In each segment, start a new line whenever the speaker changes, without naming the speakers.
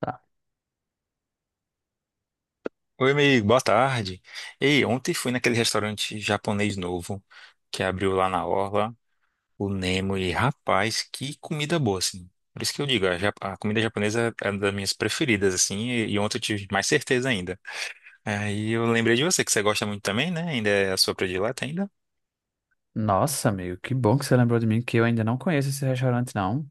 Tá.
Oi, amigo, boa tarde. Ei, ontem fui naquele restaurante japonês novo que abriu lá na Orla, o Nemo, e rapaz, que comida boa, assim. Por isso que eu digo, a comida japonesa é uma das minhas preferidas, assim, e ontem eu tive mais certeza ainda. Aí eu lembrei de você, que você gosta muito também, né? Ainda é a sua predileta ainda?
Nossa, amigo, que bom que você lembrou de mim, que eu ainda não conheço esse restaurante, não.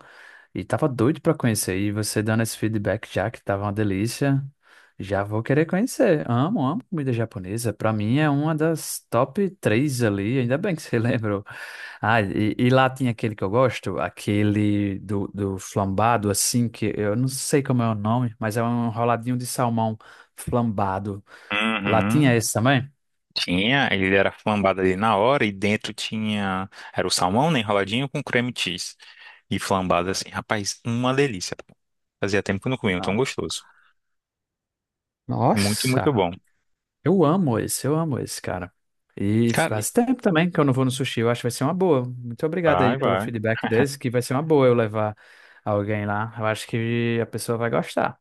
E tava doido pra conhecer. E você dando esse feedback já, que tava uma delícia, já vou querer conhecer. Amo, amo comida japonesa. Pra mim é uma das top três ali. Ainda bem que você lembrou. Ah, e lá tinha aquele que eu gosto, aquele do flambado, assim, que eu não sei como é o nome, mas é um enroladinho de salmão flambado. Lá tinha
Uhum.
esse também?
Tinha, ele era flambado ali na hora e dentro tinha, era o salmão, né, enroladinho com creme cheese. E flambado assim, rapaz, uma delícia. Fazia tempo que eu não comia, um tão
Não.
gostoso. Muito, muito
Nossa!
bom.
Eu amo esse, cara. E
Cara,
faz tempo também que eu não vou no sushi. Eu acho que vai ser uma boa. Muito obrigado aí
vai,
pelo
vai,
feedback desse, que vai ser uma boa eu levar alguém lá. Eu acho que a pessoa vai gostar.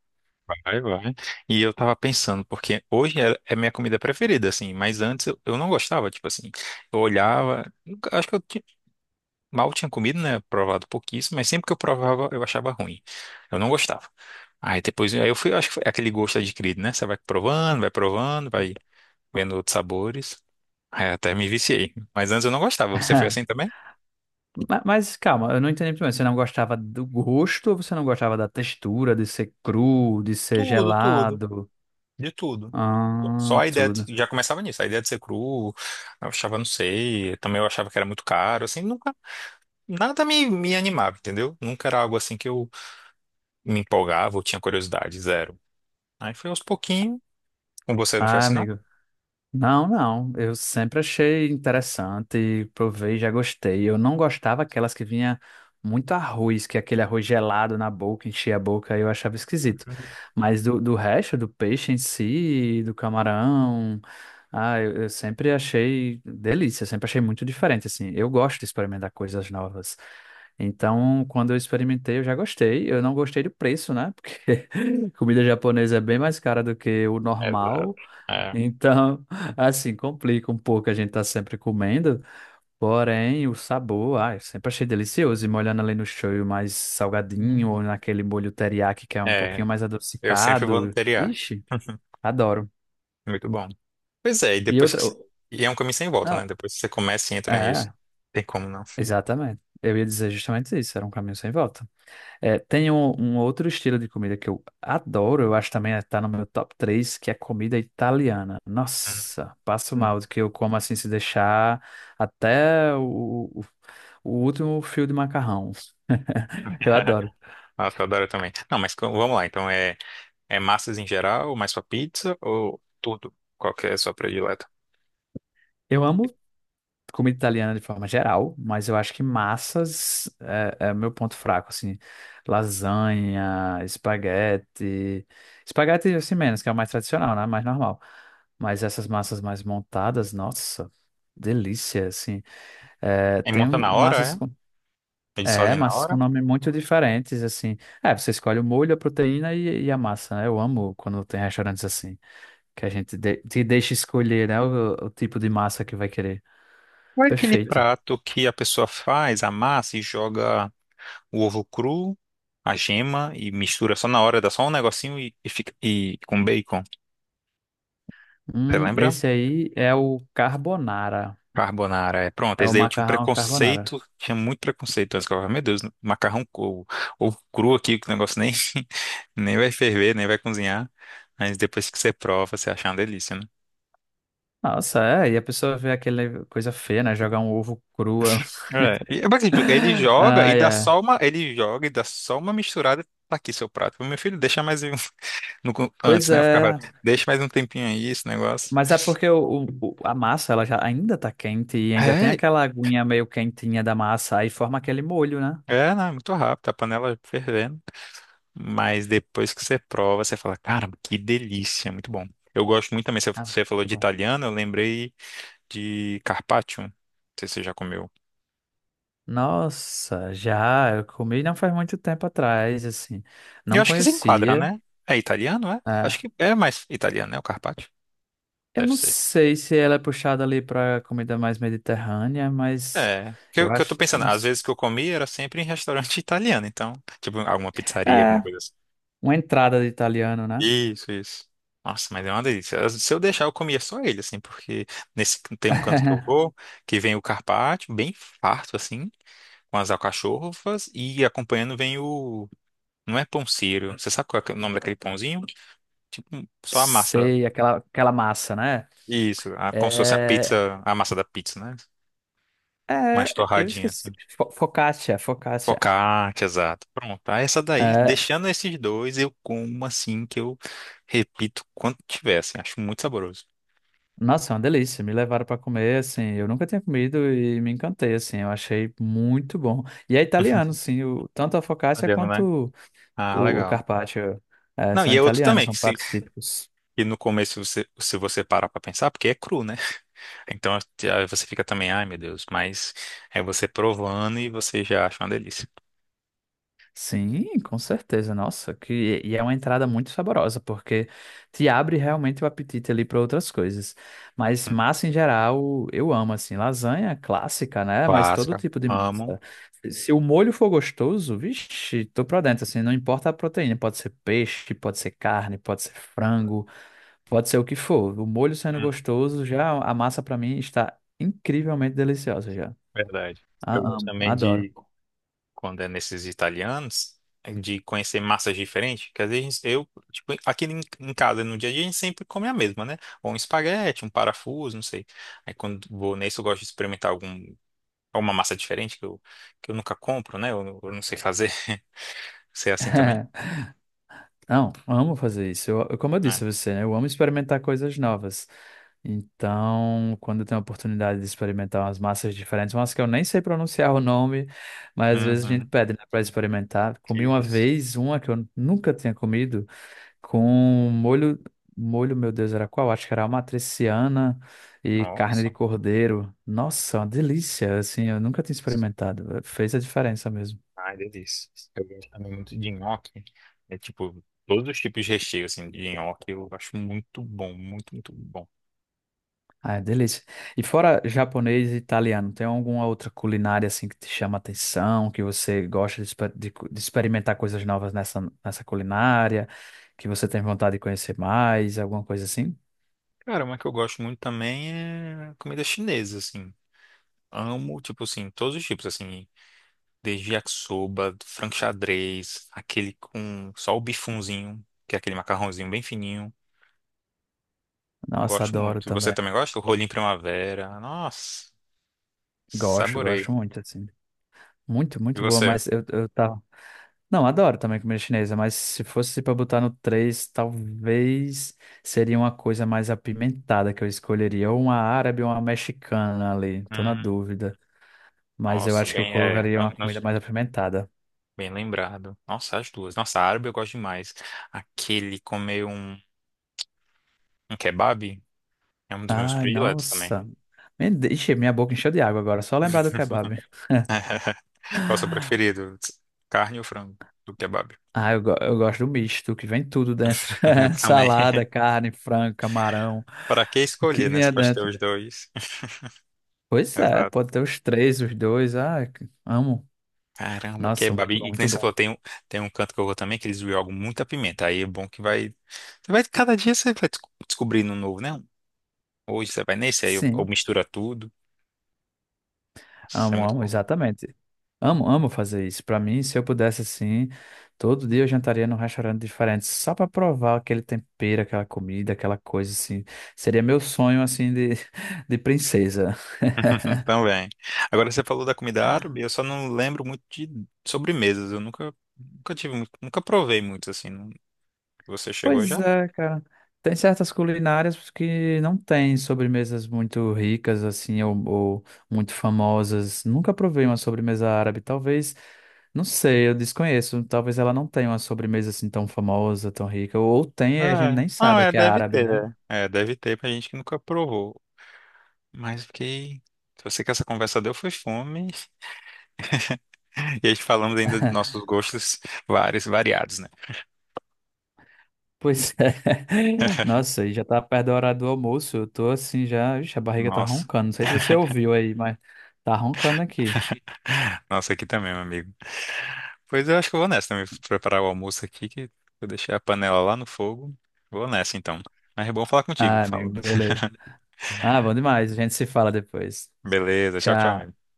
vai, vai. E eu tava pensando, porque hoje é minha comida preferida, assim, mas antes eu não gostava, tipo assim, eu olhava, acho que eu mal tinha comido, né? Provado pouquíssimo, mas sempre que eu provava eu achava ruim. Eu não gostava. Aí depois, aí eu fui, acho que foi aquele gosto adquirido, né? Você vai provando, vai provando, vai vendo outros sabores. Aí até me viciei. Mas antes eu não gostava. Você foi assim também?
Mas calma, eu não entendi muito bem. Você não gostava do gosto ou você não gostava da textura, de ser cru, de ser
Tudo, tudo,
gelado?
de tudo. Só
Ah,
a ideia
tudo.
já começava nisso, a ideia de ser cru, eu achava, não sei, também eu achava que era muito caro, assim, nunca, nada me animava, entendeu? Nunca era algo assim que eu me empolgava ou tinha curiosidade, zero. Aí foi aos pouquinhos, com você não foi
Ah,
assim, não?
amigo. Não, não. Eu sempre achei interessante, provei, já gostei. Eu não gostava aquelas que vinha muito arroz, que é aquele arroz gelado na boca, enchia a boca, eu achava esquisito.
Uhum.
Mas do resto, do peixe em si, do camarão, ah, eu sempre achei delícia, sempre achei muito diferente, assim. Eu gosto de experimentar coisas novas. Então, quando eu experimentei, eu já gostei. Eu não gostei do preço, né? Porque comida japonesa é bem mais cara do que o
Exato.
normal.
É.
Então, assim, complica um pouco, a gente tá sempre comendo, porém o sabor, ai, eu sempre achei delicioso, e molhando ali no shoyu mais salgadinho,
Hum.
ou naquele molho teriyaki que é um pouquinho
É,
mais
eu sempre vou no
adocicado,
TDA.
ixi, adoro.
Muito bom. Pois é, e
E
depois que.
outra,
você-
o-
E é um caminho sem volta, né?
não,
Depois que você começa e entra nisso,
é,
tem como não.
exatamente, eu ia dizer justamente isso, era um caminho sem volta. É, tem um outro estilo de comida que eu adoro, eu acho também está no meu top 3 que é comida italiana. Nossa, passo
Hum.
mal do que eu como assim se deixar até o último fio de macarrão. Eu adoro.
Nossa, eu adoro também. Não, mas vamos lá, então é. É massas em geral, mais pra pizza ou tudo? Qual que é a sua predileta?
Eu amo comida italiana de forma geral, mas eu acho que massas é meu ponto fraco, assim, lasanha, espaguete, espaguete assim menos, que é o mais tradicional, né, mais normal, mas essas massas mais montadas, nossa, delícia, assim, é,
E
tem
monta na hora,
massas com,
é? Eles
é,
fazem na
massas
hora?
com nome muito diferentes, assim, é, você escolhe o molho, a proteína e a massa, né, eu amo quando tem restaurantes assim, que te deixa escolher, né, o tipo de massa que vai querer,
Ou é aquele
perfeito.
prato que a pessoa faz, amassa e joga o ovo cru, a gema e mistura só na hora, dá só um negocinho e fica e com bacon. Você lembra?
Esse aí é o carbonara.
Carbonara, é. Pronto,
É
esse
o
daí eu tinha um
macarrão carbonara.
preconceito, tinha muito preconceito antes, que eu falava, meu Deus, macarrão ou, cru aqui, que o negócio nem, nem vai ferver, nem vai cozinhar, mas depois que você prova, você acha uma delícia, né?
Nossa, é. E a pessoa vê aquela coisa feia, né? Jogar um ovo cru.
É, e, mas, assim, tipo, ele joga e
Ai,
dá
é.
só uma, ele joga e dá só uma misturada, tá aqui seu prato. Meu filho, deixa mais um,
Pois
antes, né? Eu ficava,
é.
deixa mais um tempinho aí, esse negócio.
Mas é porque a massa ela já ainda tá quente e ainda tem
É,
aquela aguinha meio quentinha da massa. Aí forma aquele molho, né?
é, né? Muito rápido, a panela fervendo. Mas depois que você prova, você fala, caramba, que delícia, muito bom. Eu gosto muito também, você
Ah,
você falou
muito
de
bom.
italiano, eu lembrei de carpaccio. Não sei se você já comeu.
Nossa, já. Eu comi não faz muito tempo atrás, assim.
Eu
Não
acho que se enquadra,
conhecia.
né? É italiano, é? Acho
É.
que é mais italiano, né? O carpaccio.
Eu
Deve
não
ser.
sei se ela é puxada ali pra comida mais mediterrânea, mas
É, que
eu
eu, que eu tô
acho.
pensando,
Não
às
s-
vezes que eu comi era sempre em restaurante italiano, então, tipo, alguma pizzaria, alguma
É,
coisa assim.
uma entrada de italiano, né?
Isso, isso. Nossa, mas é uma delícia. Se eu deixar, eu comia só ele, assim, porque nesse tem um canto que eu vou, que vem o carpaccio, bem farto, assim, com as alcachofras e acompanhando vem o. Não é pão sírio. Você sabe qual é o nome daquele pãozinho? Tipo, só a massa.
Sei, aquela, aquela massa, né?
Isso, como se fosse a
É,
pizza, a massa da pizza, né? Mais
é, eu
torradinha,
esqueci.
assim.
Focaccia, focaccia.
Focaccia, exato. Pronto. Aí essa daí,
É,
deixando esses dois, eu como assim, que eu repito quanto tiver, assim. Acho muito saboroso.
nossa, é uma delícia. Me levaram para comer, assim. Eu nunca tinha comido e me encantei, assim. Eu achei muito bom. E é italiano, sim. O, tanto a focaccia
Olhando, né?
quanto
Ah,
o
legal.
carpaccio, é,
Não,
são
e é outro
italianos,
também,
são
que, se,
pratos típicos.
que no começo, você, se você parar pra pensar, porque é cru, né? Então aí você fica também, ai meu Deus, mas é você provando e você já acha uma delícia.
Sim, com certeza. Nossa, que e é uma entrada muito saborosa, porque te abre realmente o apetite ali para outras coisas. Mas
Uhum.
massa em geral, eu amo assim, lasanha clássica, né? Mas todo
Clássica,
tipo de
amo.
massa. Se o molho for gostoso, vixe, tô pra dentro assim, não importa a proteína, pode ser peixe, pode ser carne, pode ser frango, pode ser o que for. O molho sendo
Hum,
gostoso, já a massa pra mim está incrivelmente deliciosa já.
verdade. Eu gosto
Amo,
também
adoro.
de, quando é nesses italianos, de conhecer massas diferentes, que às vezes eu, tipo, aqui em casa, no dia a dia, a gente sempre come a mesma, né? Ou um espaguete, um parafuso, não sei. Aí quando vou nesse, eu gosto de experimentar algum, alguma massa diferente que eu, nunca compro, né? Eu não sei fazer. Você é assim também?
Não, amo fazer isso. Como eu disse
É.
a você, né, eu amo experimentar coisas novas. Então, quando eu tenho a oportunidade de experimentar umas massas diferentes, umas que eu nem sei pronunciar o nome, mas às vezes a gente
Uhum.
pede, né, para experimentar. Comi
Que
uma
isso.
vez uma que eu nunca tinha comido com molho, molho, meu Deus, era qual? Acho que era amatriciana e carne de
Nossa.
cordeiro. Nossa, uma delícia, assim, eu nunca tinha experimentado. Fez a diferença mesmo.
Ai, delícia. Eu gosto também muito de nhoque. É tipo, todos os tipos de recheio, assim, de nhoque eu acho muito bom, muito, muito bom.
Ah, é delícia. E fora japonês e italiano, tem alguma outra culinária assim que te chama a atenção, que você gosta de, de experimentar coisas novas nessa, nessa culinária, que você tem vontade de conhecer mais, alguma coisa assim?
Cara, uma que eu gosto muito também é comida chinesa, assim. Amo, tipo assim, todos os tipos, assim. Desde yakisoba, frango xadrez, aquele com só o bifunzinho, que é aquele macarrãozinho bem fininho.
Nossa,
Gosto
adoro
muito. Você
também.
também gosta? O rolinho primavera. Nossa,
Gosto,
saborei.
gosto muito, assim. Muito,
E
muito boa,
você?
mas eu tava... Não, adoro também comida chinesa, mas se fosse pra botar no 3, talvez seria uma coisa mais apimentada que eu escolheria, ou uma árabe ou uma mexicana ali, tô na
Hum,
dúvida. Mas eu
nossa,
acho que eu
bem, é.
colocaria
Não,
uma
não.
comida mais apimentada.
Bem lembrado. Nossa, as duas. Nossa, árabe eu gosto demais. Aquele comer um kebab é um dos meus
Ai,
prediletos também.
nossa. Me deixa, minha boca encheu de água agora, só lembrar do kebab.
Qual é o seu preferido? Carne ou frango? Do kebab.
Ah, eu gosto do misto, que vem tudo dentro.
Eu também.
Salada, carne, frango, camarão,
Para que
o que
escolher, né? Você
vinha
pode ter
dentro.
os dois.
Pois é,
Exato.
pode ter os três, os dois. Amo.
Caramba,
Nossa,
kebab.
muito bom,
E que
muito
nem você falou,
bom.
tem um canto que eu vou também que eles jogam muita pimenta. Aí é bom que vai. Você vai cada dia você vai descobrindo um novo, né? Hoje você vai nesse, aí eu
Sim.
mistura tudo. Nossa, isso é
Amo,
muito
amo,
bom.
exatamente. Amo, amo fazer isso. Pra mim, se eu pudesse assim, todo dia eu jantaria num restaurante diferente, só pra provar aquele tempero, aquela comida, aquela coisa assim. Seria meu sonho assim de, de princesa.
Também. Agora você falou da comida árabe, eu só não lembro muito de sobremesas. Eu nunca, nunca tive, nunca provei muito assim. Você chegou
Pois
já?
é, cara. Tem certas culinárias que não têm sobremesas muito ricas, assim, ou muito famosas. Nunca provei uma sobremesa árabe. Talvez, não sei, eu desconheço. Talvez ela não tenha uma sobremesa assim tão famosa, tão rica. Ou tem, e a gente
É.
nem
Não,
sabe
é,
que é
deve
árabe, né?
ter. É, deve ter pra gente que nunca provou. Mas fiquei. Eu sei que essa conversa deu foi fome. E a gente falamos ainda de nossos gostos vários, variados, né?
Pois é. Nossa, e já tá perto da hora do almoço. Eu tô assim já. Ixi, a barriga tá
Nossa.
roncando. Não sei se você ouviu aí, mas tá roncando aqui.
Nossa, aqui também, meu amigo. Pois eu acho que eu vou nessa também, preparar o almoço aqui, que eu deixei a panela lá no fogo. Vou nessa então. Mas é bom falar contigo,
Ah, amigo,
falando.
beleza. Ah, bom demais. A gente se fala depois.
Beleza, tchau, tchau,
Tchau.
amigo.